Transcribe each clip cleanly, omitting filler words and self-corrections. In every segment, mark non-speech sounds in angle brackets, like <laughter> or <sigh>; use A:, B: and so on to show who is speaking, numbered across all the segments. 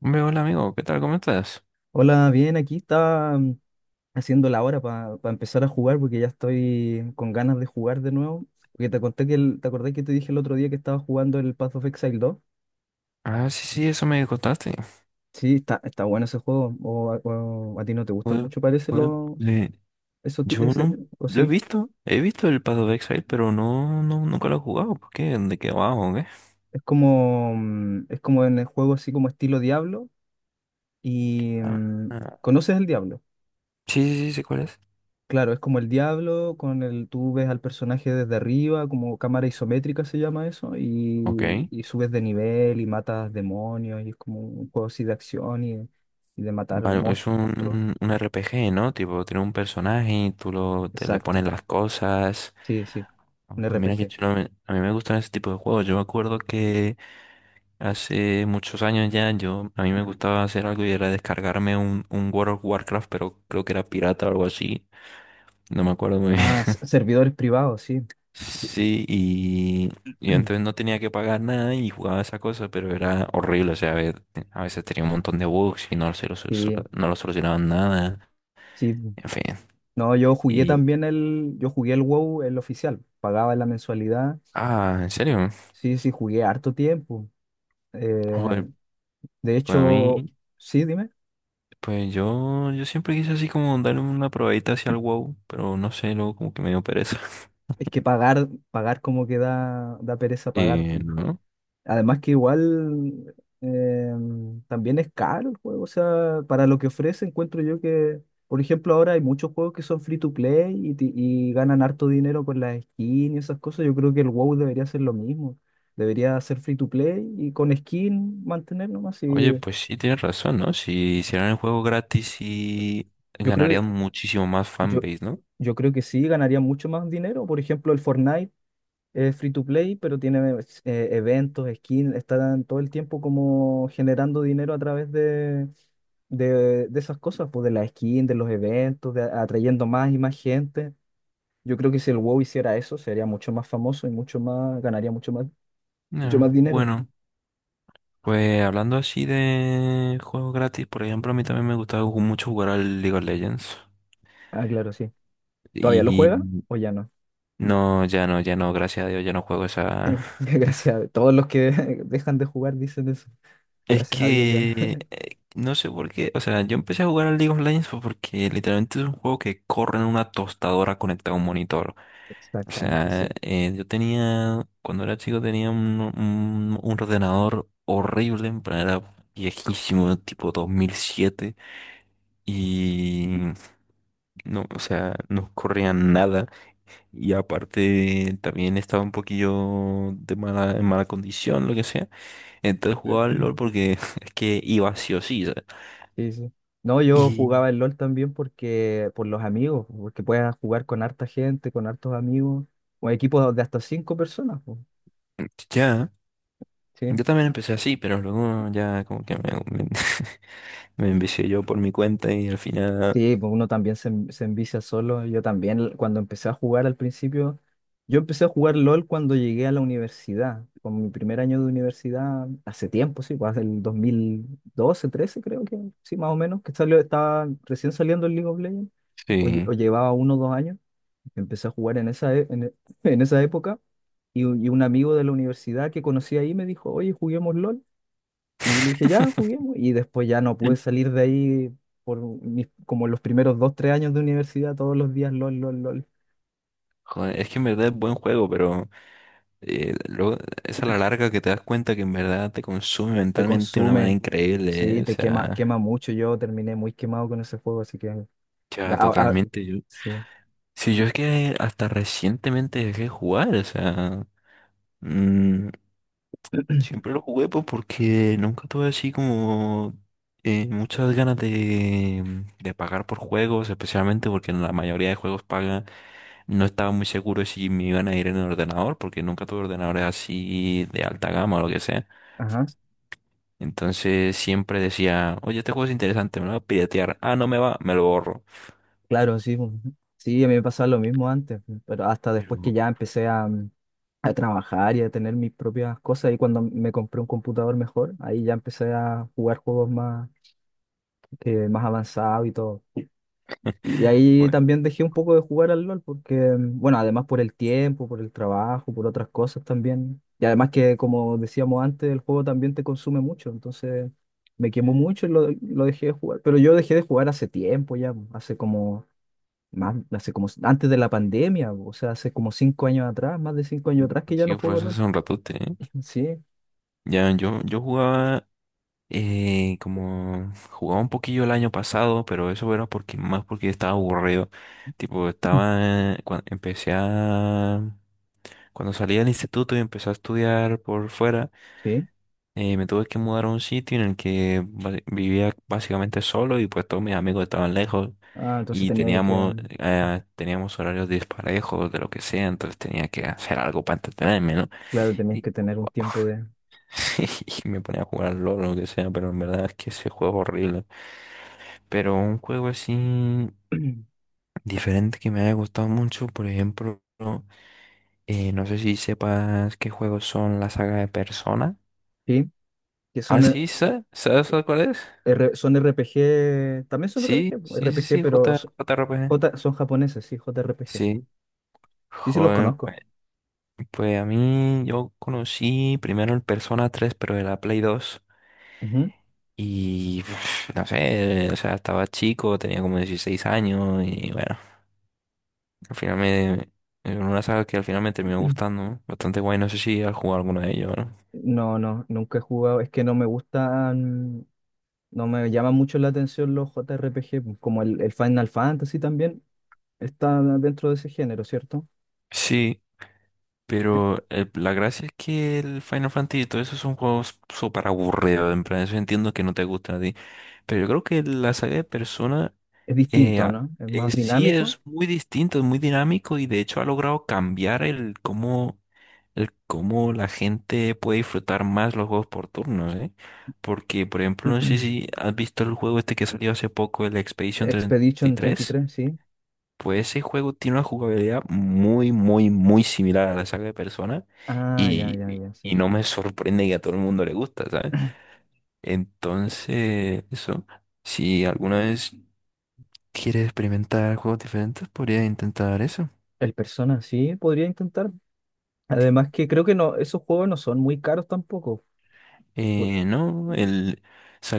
A: Hombre, hola amigo, ¿qué tal? ¿Cómo estás?
B: Hola, bien, aquí estaba haciendo la hora para empezar a jugar porque ya estoy con ganas de jugar de nuevo. Porque te conté que te acordé que te dije el otro día que estaba jugando el Path of Exile 2.
A: Ah, sí, sí, eso me contaste.
B: Sí, está bueno ese juego. O, a ti no te gusta
A: Joder,
B: mucho, parece
A: joder,
B: lo,
A: le-
B: eso,
A: yo no
B: o
A: lo
B: sí.
A: he visto el Path of Exile, pero no, no, nunca lo he jugado. ¿Por qué? ¿De qué va o qué?
B: Es como, en el juego así como estilo Diablo. Y
A: Ah, ah,
B: ¿conoces el Diablo?
A: sí, sí, sí, sé cuál es.
B: Claro, es como el Diablo, con el, tú ves al personaje desde arriba, como cámara isométrica se llama eso, y,
A: Ok.
B: y subes de nivel y matas demonios, y es como un juego así de acción y de matar
A: Vale, es
B: monstruos.
A: un RPG, ¿no? Tipo, tiene un personaje y tú lo, te le
B: Exacto,
A: pones las cosas.
B: sí, sí,
A: Ah,
B: un
A: pues mira qué
B: RPG.
A: chulo, a mí me gustan ese tipo de juegos. Yo me acuerdo que hace muchos años ya, yo, a mí me gustaba hacer algo y era descargarme un World of Warcraft, pero creo que era pirata o algo así. No me acuerdo muy bien.
B: Ah,
A: <laughs>
B: servidores privados, sí.
A: Sí, y entonces
B: <clears throat>
A: no tenía que pagar nada y jugaba esa cosa, pero era horrible. O sea, a ver, a veces tenía un montón de bugs y no, se lo,
B: Sí,
A: no lo solucionaban nada.
B: sí.
A: En fin.
B: No, yo jugué
A: Y,
B: también yo jugué el WoW, el oficial, pagaba la mensualidad.
A: ah, ¿en serio?
B: Sí, sí, jugué harto tiempo. Eh,
A: Joder,
B: de
A: pues a
B: hecho,
A: mí,
B: sí, dime.
A: pues yo siempre quise así como darle una probadita hacia el WoW, pero no sé, luego como que me dio pereza. <laughs>
B: Es que pagar como que da pereza pagar, po.
A: Y, ¿no?
B: Además que igual eh, también es caro el juego. O sea, para lo que ofrece encuentro yo que, por ejemplo, ahora hay muchos juegos que son free to play y ganan harto dinero con las skins y esas cosas. Yo creo que el WoW debería ser lo mismo. Debería ser free to play y con skin mantener nomás.
A: Oye,
B: Y
A: pues sí, tienes razón, ¿no? Si hicieran el juego gratis, sí
B: yo creo que,
A: ganarían muchísimo más
B: yo,
A: fanbase, ¿no?
B: yo creo que sí ganaría mucho más dinero. Por ejemplo, el Fortnite. Es free to play, pero tiene eventos, skins, están todo el tiempo como generando dinero a través de esas cosas, pues de las skins, de los eventos, de, atrayendo más y más gente. Yo creo que si el WoW hiciera eso, sería mucho más famoso y ganaría mucho más
A: Ya,
B: dinero.
A: bueno, pues hablando así de juegos gratis, por ejemplo, a mí también me gustaba mucho jugar al League of Legends.
B: Ah, claro, sí. ¿Todavía lo
A: Y
B: juega o ya no?
A: no, ya no, ya no, gracias a Dios, ya no juego esa...
B: <laughs> Gracias a todos los que <laughs> dejan de jugar dicen eso. Gracias a Dios ya no. <laughs>
A: No sé por qué, o sea, yo empecé a jugar al League of Legends fue porque literalmente es un juego que corre en una tostadora conectada a un monitor. O
B: Exactamente,
A: sea,
B: sí.
A: yo tenía, cuando era chico tenía un, un ordenador horrible, en plan era viejísimo, tipo 2007, y no, o sea, no corría nada, y aparte también estaba un poquillo de mala, en mala condición, lo que sea, entonces jugaba al LOL porque <laughs> es que iba sí o sí, ¿sabes?
B: Sí, sí. No, yo
A: Y
B: jugaba el LOL también porque por los amigos, porque puedes jugar con harta gente, con hartos amigos, o equipos de hasta cinco personas, po.
A: ya,
B: Sí.
A: yo también empecé así, pero luego ya como que me, me- <laughs> me envicié yo por mi cuenta y al final
B: Sí, pues uno también se envicia solo. Yo también cuando empecé a jugar al principio, yo empecé a jugar LOL cuando llegué a la universidad, con mi primer año de universidad, hace tiempo, sí, pues el 2012, 13 creo que, sí, más o menos, que salió, estaba recién saliendo el League of Legends, o, o
A: sí.
B: llevaba 1 o 2 años. Empecé a jugar en esa, e- en, e- <laughs> en esa época y un amigo de la universidad que conocí ahí me dijo, oye, juguemos LOL. Y yo le dije, ya,
A: <laughs>
B: juguemos. Y después ya no pude salir de ahí por como los primeros 2, 3 años de universidad, todos los días LOL, LOL, LOL.
A: Joder, es que en verdad es buen juego, pero luego es a la larga que te das cuenta que en verdad te consume
B: Te
A: mentalmente de una manera
B: consume,
A: increíble, ¿eh?
B: sí,
A: O
B: te quema, quema
A: sea,
B: mucho. Yo terminé muy quemado con ese juego, así que ya,
A: ya totalmente. Yo,
B: sí.
A: sí, yo es que hasta recientemente dejé de jugar, o sea, mm, siempre lo jugué pues porque nunca tuve así como muchas ganas de pagar por juegos, especialmente porque la mayoría de juegos pagan. No estaba muy seguro si me iban a ir en el ordenador, porque nunca tuve ordenadores así de alta gama o lo que sea.
B: Ajá,
A: Entonces siempre decía, oye, este juego es interesante, me lo voy a piratear. Ah, no me va, me lo borro.
B: claro, sí, pues. Sí, a mí me pasaba lo mismo antes, pero hasta
A: Pero,
B: después que ya empecé a trabajar y a tener mis propias cosas. Y cuando me compré un computador mejor, ahí ya empecé a jugar juegos más avanzados y todo. Y
A: <laughs>
B: ahí
A: pues,
B: también dejé un poco de jugar al LOL porque, bueno, además por el tiempo, por el trabajo, por otras cosas también. Y además que, como decíamos antes, el juego también te consume mucho. Entonces me quemó mucho y lo dejé de jugar. Pero yo dejé de jugar hace tiempo ya, hace como antes de la pandemia, o sea, hace como 5 años atrás, más de 5 años atrás que
A: pues
B: ya
A: sí,
B: no juego
A: pues
B: LOL.
A: hace un ratote, ¿eh?
B: <laughs> Sí.
A: Ya, yo jugaba, como, jugaba un poquillo el año pasado, pero eso era porque, más porque estaba aburrido. Tipo, estaba, cuando empecé a, cuando salí del instituto y empecé a estudiar por fuera.
B: Sí.
A: Me tuve que mudar a un sitio en el que vivía básicamente solo y pues todos mis amigos estaban lejos
B: Ah, entonces
A: y
B: tenía que,
A: teníamos, teníamos horarios disparejos de lo que sea, entonces tenía que hacer algo para entretenerme, ¿no?
B: claro, tenías
A: Y,
B: que tener un tiempo de...
A: <laughs> y me ponía a jugar LOL o lo que sea, pero en verdad es que ese juego es horrible. Pero un juego así
B: <clears throat>
A: diferente que me haya gustado mucho, por ejemplo, no sé si sepas qué juegos son la saga de Persona.
B: Sí, que
A: Ah,
B: son,
A: sí, ¿sabes? ¿Sabes
B: so-
A: cuál es?
B: son R P G, también son R P
A: Sí,
B: G,
A: sí, sí, sí,
B: Pero
A: J, JRPG.
B: Son japoneses, sí, J R P G.
A: Sí,
B: Sí, sí, los
A: joder,
B: conozco.
A: pues, pues a mí yo conocí primero el Persona 3 pero de la Play dos.
B: Ujú.
A: Y <sniffs> no sé, o sea, estaba chico, tenía como 16 años y bueno, al final me... Es una saga que al final me terminó gustando,
B: <clears throat>
A: ¿no? Bastante guay, no sé si has jugado alguno de ellos, ¿no?
B: No, no, nunca he jugado, es que no me gustan, no me llaman mucho la atención los J R JRPG, po, como el Final Fantasy también está dentro de ese género, ¿cierto?
A: Sí, pero la gracia es que el Final Fantasy y todo eso son juegos súper aburridos. En plan, eso entiendo que no te gusta a ti. Pero yo creo que la saga de Persona
B: Es
A: eh,
B: distinto,
A: a-
B: ¿no? Es más
A: sí
B: dinámico.
A: es muy distinto, es muy dinámico y de hecho ha logrado cambiar el cómo la gente puede disfrutar más los juegos por turnos, ¿eh? Porque, por ejemplo, no sé si
B: <clears throat>
A: has visto el juego este que salió hace poco, el Expedition
B: Expedition treinta y
A: 33.
B: tres, sí.
A: Pues ese juego tiene una jugabilidad muy, muy, muy similar a la saga de Persona
B: Ah, ya, ya, ya,
A: y
B: sí.
A: no me sorprende que a todo el mundo le gusta, ¿sabes? Entonces, eso, si alguna vez quieres experimentar juegos diferentes, podría intentar eso.
B: El Persona sí podría intentar. Además que creo que no, esos juegos no son muy caros tampoco. Por-
A: No, el,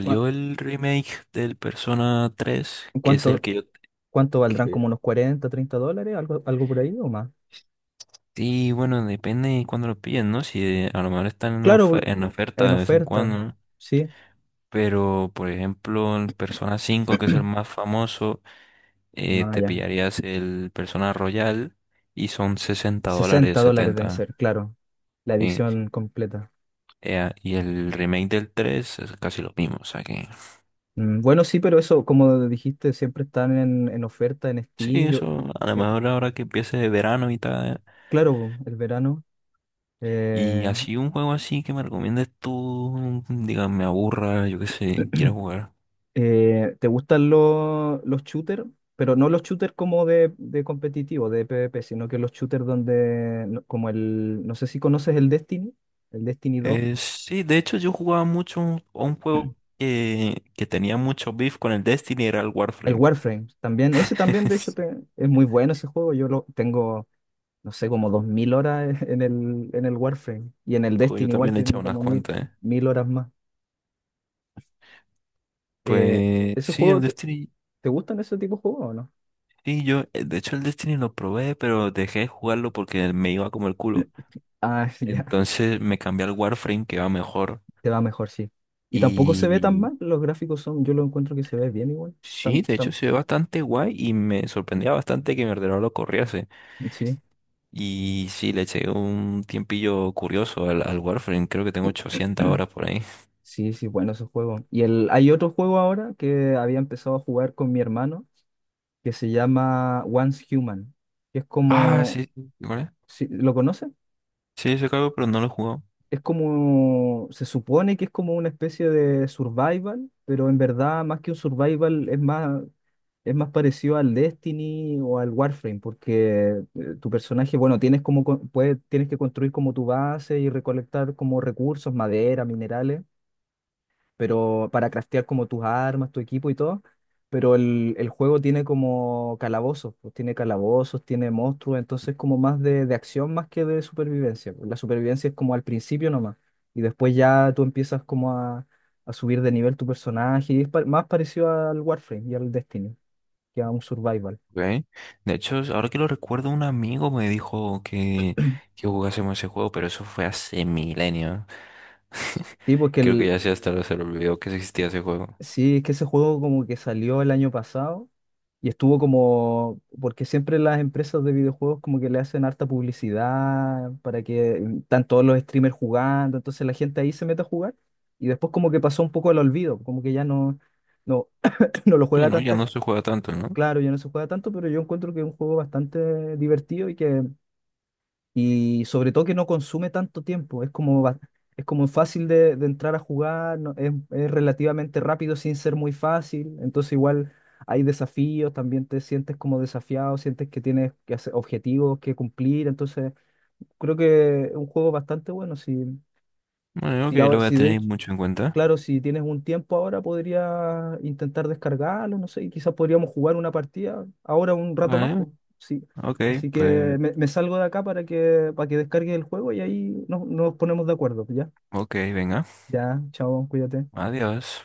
B: ¿cua-
A: el remake del Persona 3, que es el
B: ¿Cuánto,
A: que yo...
B: cuánto valdrán? ¿Como
A: que-
B: unos 40, 30 dólares? ¿Algo por ahí o más?
A: Sí, bueno, depende de cuándo lo pillen, ¿no? Si a lo mejor están en,
B: Claro,
A: en oferta
B: en
A: de vez en
B: oferta,
A: cuando, ¿no?
B: sí.
A: Pero, por ejemplo, en Persona 5, que es el
B: <clears throat>
A: más famoso,
B: No,
A: te
B: ya.
A: pillarías el Persona Royal y son 60
B: sesenta
A: dólares,
B: dólares deben
A: setenta.
B: ser, claro. La
A: Sí.
B: edición completa.
A: Y el remake del 3 es casi lo mismo. O sea que,
B: Bueno, sí, pero eso, como dijiste, siempre están en, oferta en
A: sí,
B: Steam. Yo,
A: eso a lo
B: eh,
A: mejor ahora que empiece de verano y tal.
B: claro, el verano.
A: Y
B: eh,
A: así un juego así que me recomiendes tú, diga, me aburra, yo qué sé, quiero
B: <clears throat>
A: jugar.
B: ¿Te gustan los shooters? Pero no los shooters como de competitivo, de PvP, sino que los shooters donde, como el, no sé si conoces el Destiny, el Destiny 2,
A: Sí, de hecho yo jugaba mucho a un juego que tenía mucho beef con el Destiny, era el
B: el
A: Warframe.
B: Warframe, también, ese también de hecho
A: <laughs>
B: es muy bueno ese juego, yo lo tengo, no sé, como 2.000 horas <laughs> en el Warframe, y en el
A: Joder, yo
B: Destiny igual
A: también le he echado
B: tengo
A: unas
B: como mil
A: cuantas, ¿eh?
B: mil horas más. Eh,
A: Pues
B: ¿Ese
A: sí, el
B: juego, te,
A: Destiny.
B: te gustan ese tipo de juegos o no?
A: Sí, yo, de hecho, el Destiny lo probé, pero dejé de jugarlo porque me iba como el culo.
B: <clears throat> Ah, <laughs> ya.
A: Entonces me cambié al Warframe, que va mejor.
B: Te va mejor, sí. Y tampoco se ve tan
A: Y
B: mal, los gráficos son, yo lo encuentro que se ve bien igual.
A: sí,
B: Tam-
A: de hecho,
B: tam-
A: se ve bastante guay y me sorprendía bastante que mi ordenador lo corriese.
B: sí,
A: Y sí, le eché un tiempillo curioso al, al Warframe. Creo que tengo 800 horas por ahí.
B: sí, sí, bueno ese juego. Y el, hay otro juego ahora que había empezado a jugar con mi hermano, que se llama Once Human, que es
A: Ah,
B: como,
A: sí, sí, ¿cuál es?
B: si ¿lo conoces?
A: Sí, se cargo, pero no lo he jugado.
B: Es como, se supone que es como una especie de survival, pero en verdad más que un survival es más parecido al Destiny o al Warframe, porque tu personaje, bueno, tienes como, tienes que construir como tu base y recolectar como recursos, madera, minerales, pero para craftear como tus armas, tu equipo y todo. Pero el juego tiene como calabozos, pues tiene calabozos, tiene monstruos, entonces como más de acción más que de supervivencia, pues. La supervivencia es como al principio nomás, y después ya tú empiezas como a subir de nivel tu personaje, y es más parecido al Warframe y al Destiny, que a un survival.
A: Okay. De hecho, ahora que lo recuerdo, un amigo me dijo que jugásemos ese juego, pero eso fue hace milenio.
B: Sí, porque
A: <laughs> Creo que
B: el...
A: ya se hasta se le olvidó que existía ese juego.
B: Sí, es que ese juego como que salió el año pasado y estuvo como, porque siempre las empresas de videojuegos como que le hacen harta publicidad para que están todos los streamers jugando, entonces la gente ahí se mete a jugar y después como que pasó un poco al olvido, como que ya no, <clears throat> no lo
A: Sí,
B: juega
A: no, ya
B: tanta
A: no
B: gente,
A: se juega tanto, ¿no?
B: claro, ya no se juega tanto, pero yo encuentro que es un juego bastante divertido y que y sobre todo que no consume tanto tiempo, es como, es como fácil de entrar a jugar, es relativamente rápido sin ser muy fácil, entonces igual hay desafíos, también te sientes como desafiado, sientes que tienes que hacer objetivos que cumplir, entonces creo que es un juego bastante bueno. Si,
A: Bueno, ok,
B: si,
A: lo
B: ahora-
A: voy a
B: si de,
A: tener mucho en cuenta.
B: Claro, si tienes un tiempo ahora, podría intentar descargarlo, no sé, y quizás podríamos jugar una partida ahora un rato más,
A: Vale,
B: pues, sí.
A: ok,
B: Así que
A: pues,
B: me salgo de acá para que descargue el juego y ahí nos, nos ponemos de acuerdo, ¿ya?
A: ok, venga,
B: Ya, chao, cuídate.
A: adiós.